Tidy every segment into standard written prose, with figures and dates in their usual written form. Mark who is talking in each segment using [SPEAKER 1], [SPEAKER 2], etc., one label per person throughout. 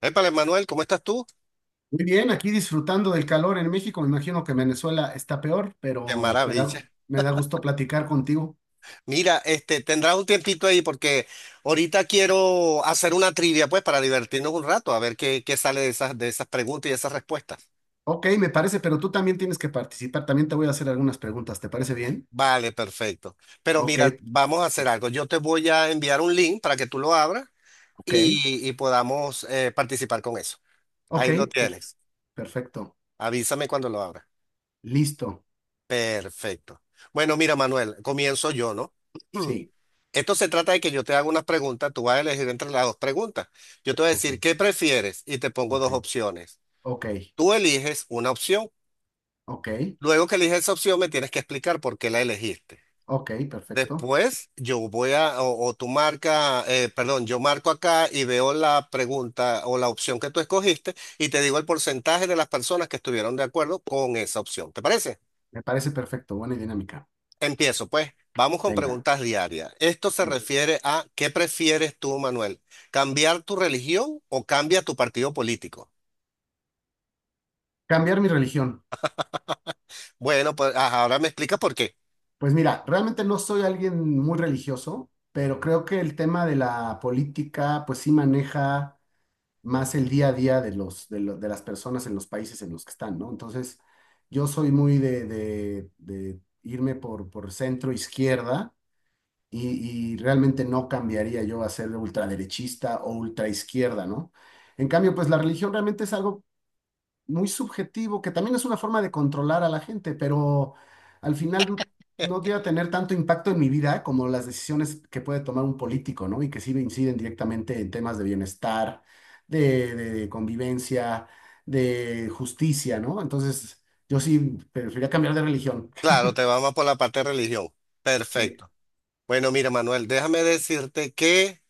[SPEAKER 1] Épale, Manuel, ¿cómo estás tú?
[SPEAKER 2] Muy bien, aquí disfrutando del calor en México. Me imagino que Venezuela está peor,
[SPEAKER 1] Qué
[SPEAKER 2] pero me da,
[SPEAKER 1] maravilla.
[SPEAKER 2] me da gusto platicar contigo.
[SPEAKER 1] Mira, este, tendrás un tiempito ahí porque ahorita quiero hacer una trivia, pues, para divertirnos un rato, a ver qué sale de esas preguntas y esas respuestas.
[SPEAKER 2] Ok, me parece, pero tú también tienes que participar. También te voy a hacer algunas preguntas. ¿Te parece bien?
[SPEAKER 1] Vale, perfecto. Pero
[SPEAKER 2] Ok,
[SPEAKER 1] mira, vamos a hacer algo. Yo te voy a enviar un link para que tú lo abras
[SPEAKER 2] ok,
[SPEAKER 1] y podamos participar con eso.
[SPEAKER 2] ok,
[SPEAKER 1] Ahí lo
[SPEAKER 2] per-
[SPEAKER 1] tienes.
[SPEAKER 2] perfecto.
[SPEAKER 1] Avísame cuando lo abras.
[SPEAKER 2] Listo.
[SPEAKER 1] Perfecto. Bueno, mira, Manuel, comienzo yo, ¿no?
[SPEAKER 2] Sí,
[SPEAKER 1] Esto se trata de que yo te haga unas preguntas, tú vas a elegir entre las dos preguntas. Yo te voy a
[SPEAKER 2] ok,
[SPEAKER 1] decir, ¿qué prefieres? Y te pongo
[SPEAKER 2] ok,
[SPEAKER 1] dos opciones.
[SPEAKER 2] ok,
[SPEAKER 1] Tú eliges una opción.
[SPEAKER 2] ok,
[SPEAKER 1] Luego que eliges esa opción, me tienes que explicar por qué la elegiste.
[SPEAKER 2] ok, perfecto.
[SPEAKER 1] Después, yo voy a, o tú marca, perdón, yo marco acá y veo la pregunta o la opción que tú escogiste y te digo el porcentaje de las personas que estuvieron de acuerdo con esa opción. ¿Te parece?
[SPEAKER 2] Me parece perfecto. Buena dinámica.
[SPEAKER 1] Empiezo, pues. Vamos con
[SPEAKER 2] Venga,
[SPEAKER 1] preguntas diarias. Esto se
[SPEAKER 2] venga.
[SPEAKER 1] refiere a ¿qué prefieres tú, Manuel? ¿Cambiar tu religión o cambia tu partido político?
[SPEAKER 2] Cambiar mi religión.
[SPEAKER 1] Bueno, pues ajá, ahora me explicas por qué.
[SPEAKER 2] Pues mira, realmente no soy alguien muy religioso, pero creo que el tema de la política, pues sí maneja más el día a día de las personas en los países en los que están, ¿no? Entonces, yo soy muy de irme por centro izquierda y realmente no cambiaría yo a ser ultraderechista o ultraizquierda, ¿no? En cambio, pues la religión realmente es algo muy subjetivo, que también es una forma de controlar a la gente, pero al final no llega a tener tanto impacto en mi vida como las decisiones que puede tomar un político, ¿no? Y que sí inciden directamente en temas de bienestar, de convivencia, de justicia, ¿no? Entonces, yo sí preferiría cambiar de religión.
[SPEAKER 1] Claro, te vamos por la parte de religión.
[SPEAKER 2] Sí,
[SPEAKER 1] Perfecto. Bueno, mira, Manuel, déjame decirte que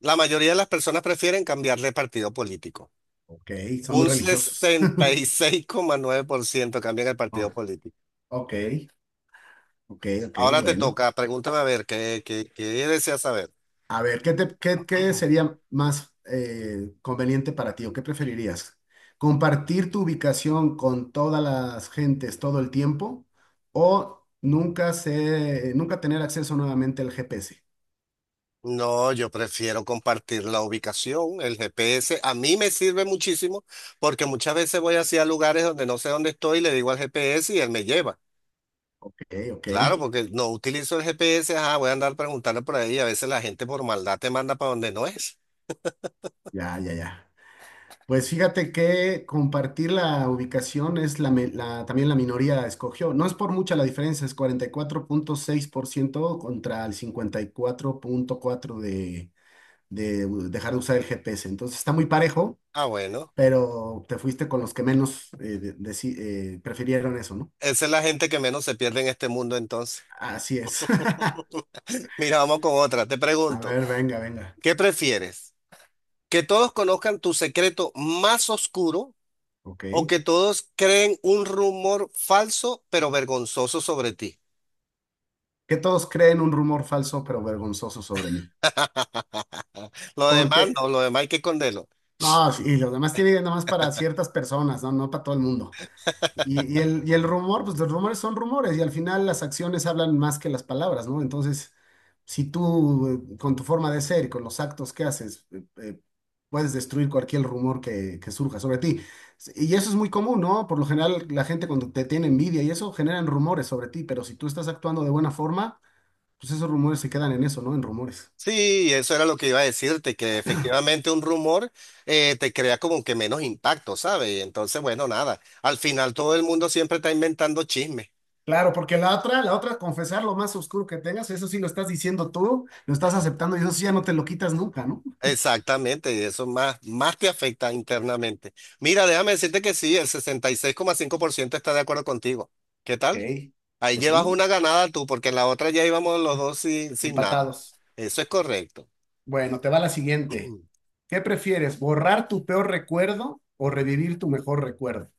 [SPEAKER 1] la mayoría de las personas prefieren cambiar de partido político.
[SPEAKER 2] ok, son muy
[SPEAKER 1] Un
[SPEAKER 2] religiosos.
[SPEAKER 1] sesenta y seis coma nueve por ciento cambian el
[SPEAKER 2] Oh,
[SPEAKER 1] partido político.
[SPEAKER 2] ok, ok, ok,
[SPEAKER 1] Ahora te
[SPEAKER 2] bueno.
[SPEAKER 1] toca, pregúntame a ver, ¿qué deseas saber?
[SPEAKER 2] A ver, ¿qué sería más conveniente para ti o qué preferirías? ¿Compartir tu ubicación con todas las gentes todo el tiempo o nunca tener acceso nuevamente al GPS?
[SPEAKER 1] No, yo prefiero compartir la ubicación, el GPS. A mí me sirve muchísimo porque muchas veces voy hacia lugares donde no sé dónde estoy y le digo al GPS y él me lleva.
[SPEAKER 2] Ok, ok,
[SPEAKER 1] Claro, porque no utilizo el GPS, ah, voy a andar preguntando por ahí y a veces la gente por maldad te manda para donde no es.
[SPEAKER 2] ya, ya, ya. Pues fíjate que compartir la ubicación es también la minoría escogió. No es por mucha la diferencia, es 44.6% contra el 54.4% de dejar de usar el GPS. Entonces está muy parejo,
[SPEAKER 1] Ah, bueno,
[SPEAKER 2] pero te fuiste con los que menos prefirieron eso, ¿no?
[SPEAKER 1] esa es la gente que menos se pierde en este mundo entonces.
[SPEAKER 2] Así es.
[SPEAKER 1] Mira, vamos con otra. Te
[SPEAKER 2] A
[SPEAKER 1] pregunto,
[SPEAKER 2] ver, venga, venga.
[SPEAKER 1] ¿qué prefieres? ¿Que todos conozcan tu secreto más oscuro o
[SPEAKER 2] Ok.
[SPEAKER 1] que todos creen un rumor falso pero vergonzoso sobre ti?
[SPEAKER 2] Que todos creen un rumor falso pero vergonzoso sobre mí.
[SPEAKER 1] Lo
[SPEAKER 2] Porque,
[SPEAKER 1] demás no, lo demás hay que esconderlo.
[SPEAKER 2] no, y los demás tienen nada más para ciertas personas, ¿no? No para todo el mundo. Y el rumor, pues los rumores son rumores y al final las acciones hablan más que las palabras, ¿no? Entonces, si tú con tu forma de ser y con los actos que haces, puedes destruir cualquier rumor que surja sobre ti. Y eso es muy común, ¿no? Por lo general, la gente cuando te tiene envidia y eso generan rumores sobre ti, pero si tú estás actuando de buena forma, pues esos rumores se quedan en eso, ¿no? En rumores.
[SPEAKER 1] Sí, eso era lo que iba a decirte, que efectivamente un rumor te crea como que menos impacto, ¿sabes? Y entonces, bueno, nada, al final todo el mundo siempre está inventando chismes.
[SPEAKER 2] Claro, porque la otra, confesar lo más oscuro que tengas, eso sí lo estás diciendo tú, lo estás aceptando y eso sí ya no te lo quitas nunca, ¿no?
[SPEAKER 1] Exactamente, y eso más te afecta internamente. Mira, déjame decirte que sí, el sesenta y seis coma cinco por ciento está de acuerdo contigo. ¿Qué tal?
[SPEAKER 2] Ok,
[SPEAKER 1] Ahí
[SPEAKER 2] pues
[SPEAKER 1] llevas
[SPEAKER 2] sí,
[SPEAKER 1] una ganada tú, porque en la otra ya íbamos los dos sin nada.
[SPEAKER 2] empatados.
[SPEAKER 1] Eso es correcto.
[SPEAKER 2] Bueno, te va la siguiente. ¿Qué prefieres, borrar tu peor recuerdo o revivir tu mejor recuerdo?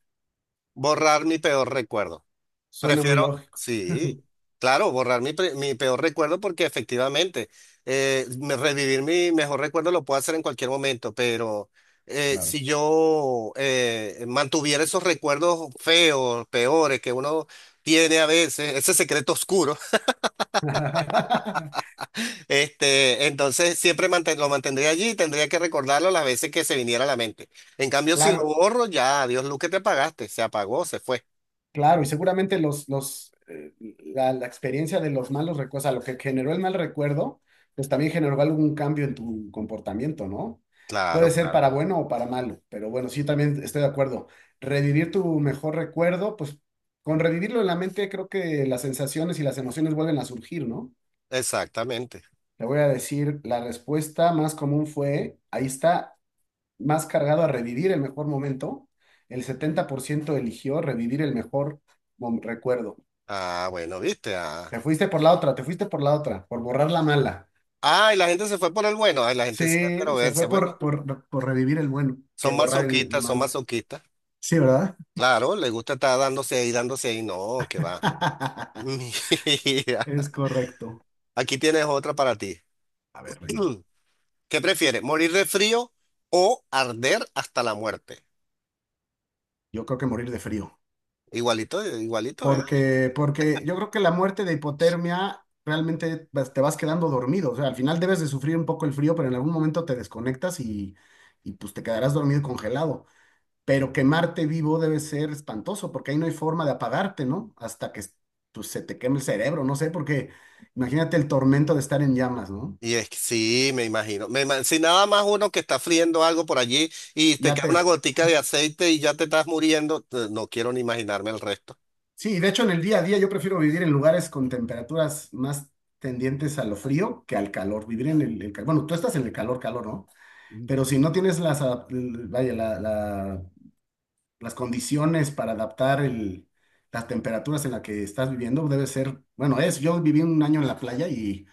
[SPEAKER 1] Borrar mi peor recuerdo.
[SPEAKER 2] Suena muy
[SPEAKER 1] Prefiero,
[SPEAKER 2] lógico,
[SPEAKER 1] sí, claro, borrar mi peor recuerdo porque efectivamente revivir mi mejor recuerdo lo puedo hacer en cualquier momento, pero
[SPEAKER 2] claro.
[SPEAKER 1] si yo mantuviera esos recuerdos feos, peores que uno tiene a veces, ese secreto oscuro, entonces siempre lo mantendría allí y tendría que recordarlo las veces que se viniera a la mente. En cambio, si lo
[SPEAKER 2] Claro,
[SPEAKER 1] borro, ya, adiós, Luz, que te apagaste, se apagó, se fue.
[SPEAKER 2] Claro, y seguramente la experiencia de los malos recuerdos, o sea, lo que generó el mal recuerdo, pues también generó algún cambio en tu comportamiento, ¿no? Puede
[SPEAKER 1] Claro,
[SPEAKER 2] ser
[SPEAKER 1] claro.
[SPEAKER 2] para bueno o para malo, pero bueno, sí, también estoy de acuerdo. Revivir tu mejor recuerdo, pues con revivirlo en la mente, creo que las sensaciones y las emociones vuelven a surgir, ¿no?
[SPEAKER 1] Exactamente.
[SPEAKER 2] Te voy a decir, la respuesta más común fue, ahí está, más cargado a revivir el mejor momento. El 70% eligió revivir el mejor recuerdo.
[SPEAKER 1] Ah, bueno, viste. Ah.
[SPEAKER 2] Te fuiste por la otra, te fuiste por la otra, por borrar la mala.
[SPEAKER 1] Ay, la gente se fue por el bueno. Ay, la gente se fue pero
[SPEAKER 2] Sí, se
[SPEAKER 1] verse.
[SPEAKER 2] fue por,
[SPEAKER 1] Bueno,
[SPEAKER 2] por, por revivir el bueno,
[SPEAKER 1] son
[SPEAKER 2] que borrar el
[SPEAKER 1] masoquistas, son
[SPEAKER 2] mal.
[SPEAKER 1] masoquistas.
[SPEAKER 2] Sí, ¿verdad?
[SPEAKER 1] Claro, les gusta estar dándose ahí, dándose ahí. No, que va. Mira,
[SPEAKER 2] Es correcto.
[SPEAKER 1] aquí tienes otra para ti.
[SPEAKER 2] A ver, venga.
[SPEAKER 1] ¿Qué prefieres? ¿Morir de frío o arder hasta la muerte?
[SPEAKER 2] Yo creo que morir de frío.
[SPEAKER 1] Igualito, igualito, ¿verdad?
[SPEAKER 2] Porque yo creo que la muerte de hipotermia realmente te vas quedando dormido. O sea, al final debes de sufrir un poco el frío, pero en algún momento te desconectas y pues te quedarás dormido y congelado. Pero quemarte vivo debe ser espantoso, porque ahí no hay forma de apagarte, ¿no? Hasta que pues, se te queme el cerebro, no sé, porque imagínate el tormento de estar en llamas, ¿no?
[SPEAKER 1] Y es que sí, me imagino. Si nada más uno que está friendo algo por allí y te
[SPEAKER 2] Ya
[SPEAKER 1] cae una
[SPEAKER 2] te...
[SPEAKER 1] gotica de aceite y ya te estás muriendo, no quiero ni imaginarme el resto.
[SPEAKER 2] Sí, de hecho en el día a día yo prefiero vivir en lugares con temperaturas más tendientes a lo frío que al calor, vivir en el calor. Bueno, tú estás en el calor, calor, ¿no?
[SPEAKER 1] Mm.
[SPEAKER 2] Pero si no tienes las, adap- l- vaya, la- la- las condiciones para adaptar las temperaturas en las que estás viviendo, debe ser, bueno, yo viví un año en la playa y...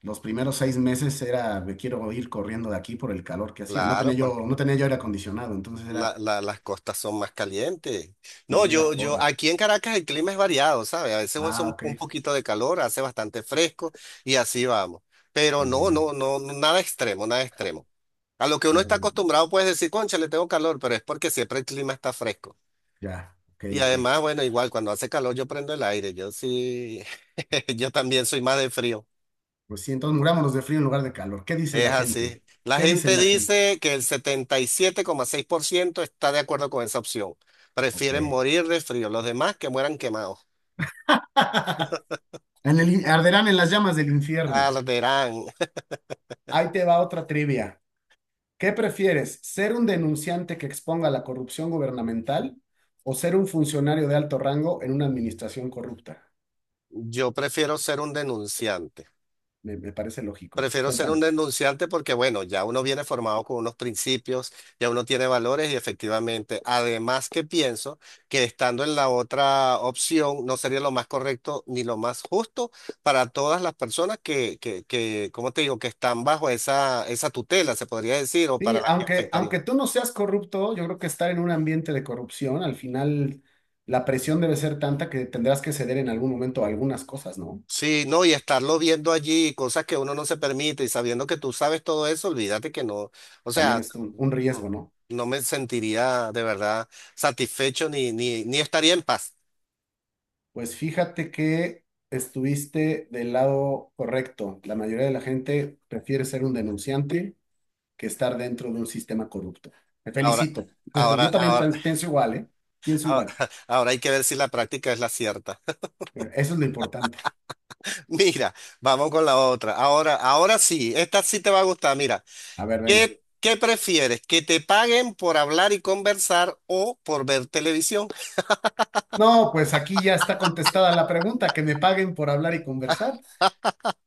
[SPEAKER 2] Los primeros 6 meses era, me quiero ir corriendo de aquí por el calor que hacía. No tenía
[SPEAKER 1] Claro,
[SPEAKER 2] yo,
[SPEAKER 1] porque
[SPEAKER 2] no tenía yo aire acondicionado, entonces era,
[SPEAKER 1] las costas son más calientes.
[SPEAKER 2] no
[SPEAKER 1] No,
[SPEAKER 2] había forma.
[SPEAKER 1] aquí en Caracas el clima es variado, ¿sabes? A veces hace
[SPEAKER 2] Ah, ok,
[SPEAKER 1] un poquito de calor, hace bastante fresco y así vamos. Pero
[SPEAKER 2] muy bien.
[SPEAKER 1] nada extremo, nada extremo. A lo que uno está
[SPEAKER 2] muy-
[SPEAKER 1] acostumbrado puedes decir, concha, le tengo calor, pero es porque siempre el clima está fresco.
[SPEAKER 2] ya, ok,
[SPEAKER 1] Y
[SPEAKER 2] ok.
[SPEAKER 1] además, bueno, igual cuando hace calor yo prendo el aire, yo sí, yo también soy más de frío.
[SPEAKER 2] Pues sí, entonces murámonos de frío en lugar de calor. ¿Qué dice
[SPEAKER 1] Es
[SPEAKER 2] la
[SPEAKER 1] así.
[SPEAKER 2] gente?
[SPEAKER 1] La
[SPEAKER 2] ¿Qué dice
[SPEAKER 1] gente
[SPEAKER 2] la gente?
[SPEAKER 1] dice que el setenta y siete coma seis por ciento está de acuerdo con esa opción. Prefieren
[SPEAKER 2] Ok.
[SPEAKER 1] morir de frío. Los demás que mueran quemados.
[SPEAKER 2] Arderán en las llamas del infierno.
[SPEAKER 1] Arderán.
[SPEAKER 2] Ahí te va otra trivia. ¿Qué prefieres, ser un denunciante que exponga la corrupción gubernamental o ser un funcionario de alto rango en una administración corrupta?
[SPEAKER 1] Yo prefiero ser un denunciante.
[SPEAKER 2] Me parece lógico.
[SPEAKER 1] Prefiero ser un
[SPEAKER 2] Cuéntame.
[SPEAKER 1] denunciante porque, bueno, ya uno viene formado con unos principios, ya uno tiene valores y efectivamente, además que pienso que estando en la otra opción no sería lo más correcto ni lo más justo para todas las personas que, ¿cómo te digo?, que están bajo esa tutela, se podría decir, o para
[SPEAKER 2] Sí,
[SPEAKER 1] las que
[SPEAKER 2] aunque,
[SPEAKER 1] afectaría.
[SPEAKER 2] aunque tú no seas corrupto, yo creo que estar en un ambiente de corrupción, al final la presión debe ser tanta que tendrás que ceder en algún momento a algunas cosas, ¿no?
[SPEAKER 1] Sí, no, y estarlo viendo allí, cosas que uno no se permite, y sabiendo que tú sabes todo eso, olvídate que no, o
[SPEAKER 2] También
[SPEAKER 1] sea,
[SPEAKER 2] es un riesgo,
[SPEAKER 1] no,
[SPEAKER 2] ¿no?
[SPEAKER 1] no me sentiría de verdad satisfecho ni estaría en paz.
[SPEAKER 2] Pues fíjate que estuviste del lado correcto. La mayoría de la gente prefiere ser un denunciante que estar dentro de un sistema corrupto. Me
[SPEAKER 1] Ahora,
[SPEAKER 2] felicito.
[SPEAKER 1] ahora,
[SPEAKER 2] Yo también
[SPEAKER 1] ahora,
[SPEAKER 2] pienso igual, ¿eh? Pienso
[SPEAKER 1] ahora,
[SPEAKER 2] igual.
[SPEAKER 1] ahora hay que ver si la práctica es la cierta.
[SPEAKER 2] Eso es lo importante.
[SPEAKER 1] Mira, vamos con la otra. Ahora, ahora sí, esta sí te va a gustar. Mira,
[SPEAKER 2] A ver, venga.
[SPEAKER 1] ¿qué prefieres? ¿Que te paguen por hablar y conversar o por ver televisión?
[SPEAKER 2] No, pues aquí ya está contestada la pregunta, que me paguen por hablar y conversar.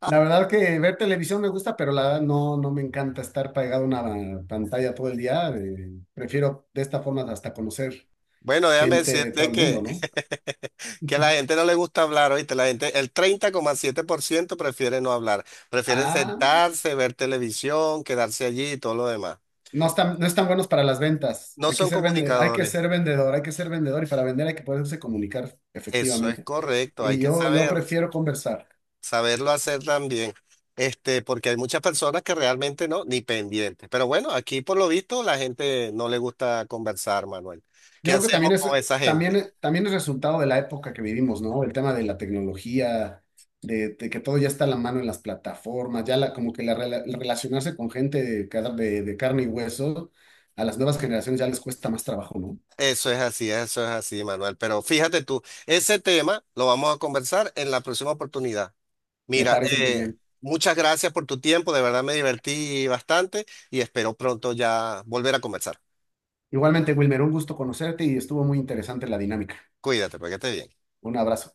[SPEAKER 2] La verdad que ver televisión me gusta, pero la verdad no me encanta estar pegado a una pantalla todo el día. Prefiero de esta forma hasta conocer
[SPEAKER 1] Bueno, déjame
[SPEAKER 2] gente de todo
[SPEAKER 1] decirte
[SPEAKER 2] el mundo,
[SPEAKER 1] que,
[SPEAKER 2] ¿no?
[SPEAKER 1] que a la gente no le gusta hablar, ¿oíste? La gente, el treinta coma siete por ciento prefiere no hablar, prefieren
[SPEAKER 2] Ah,
[SPEAKER 1] sentarse, ver televisión, quedarse allí y todo lo demás.
[SPEAKER 2] no están buenos para las ventas.
[SPEAKER 1] No son
[SPEAKER 2] Hay que
[SPEAKER 1] comunicadores.
[SPEAKER 2] ser vendedor, hay que ser vendedor y para vender hay que poderse comunicar
[SPEAKER 1] Eso es
[SPEAKER 2] efectivamente.
[SPEAKER 1] correcto, hay
[SPEAKER 2] Y
[SPEAKER 1] que
[SPEAKER 2] yo
[SPEAKER 1] saber,
[SPEAKER 2] prefiero conversar.
[SPEAKER 1] saberlo hacer también. Este, porque hay muchas personas que realmente no, ni pendientes. Pero bueno, aquí por lo visto la gente no le gusta conversar, Manuel. ¿Qué
[SPEAKER 2] Yo creo que
[SPEAKER 1] hacemos
[SPEAKER 2] también es,
[SPEAKER 1] con esa gente?
[SPEAKER 2] también, también es resultado de la época que vivimos, ¿no? El tema de la tecnología, de que todo ya está a la mano en las plataformas, ya la, como que la, rela- el relacionarse con gente de carne y hueso, a las nuevas generaciones ya les cuesta más trabajo, ¿no?
[SPEAKER 1] Eso es así, Manuel. Pero fíjate tú, ese tema lo vamos a conversar en la próxima oportunidad.
[SPEAKER 2] Me
[SPEAKER 1] Mira,
[SPEAKER 2] parece muy bien.
[SPEAKER 1] muchas gracias por tu tiempo, de verdad me divertí bastante y espero pronto ya volver a conversar.
[SPEAKER 2] Igualmente, Wilmer, un gusto conocerte y estuvo muy interesante la dinámica.
[SPEAKER 1] Cuídate, para que estés bien.
[SPEAKER 2] Un abrazo.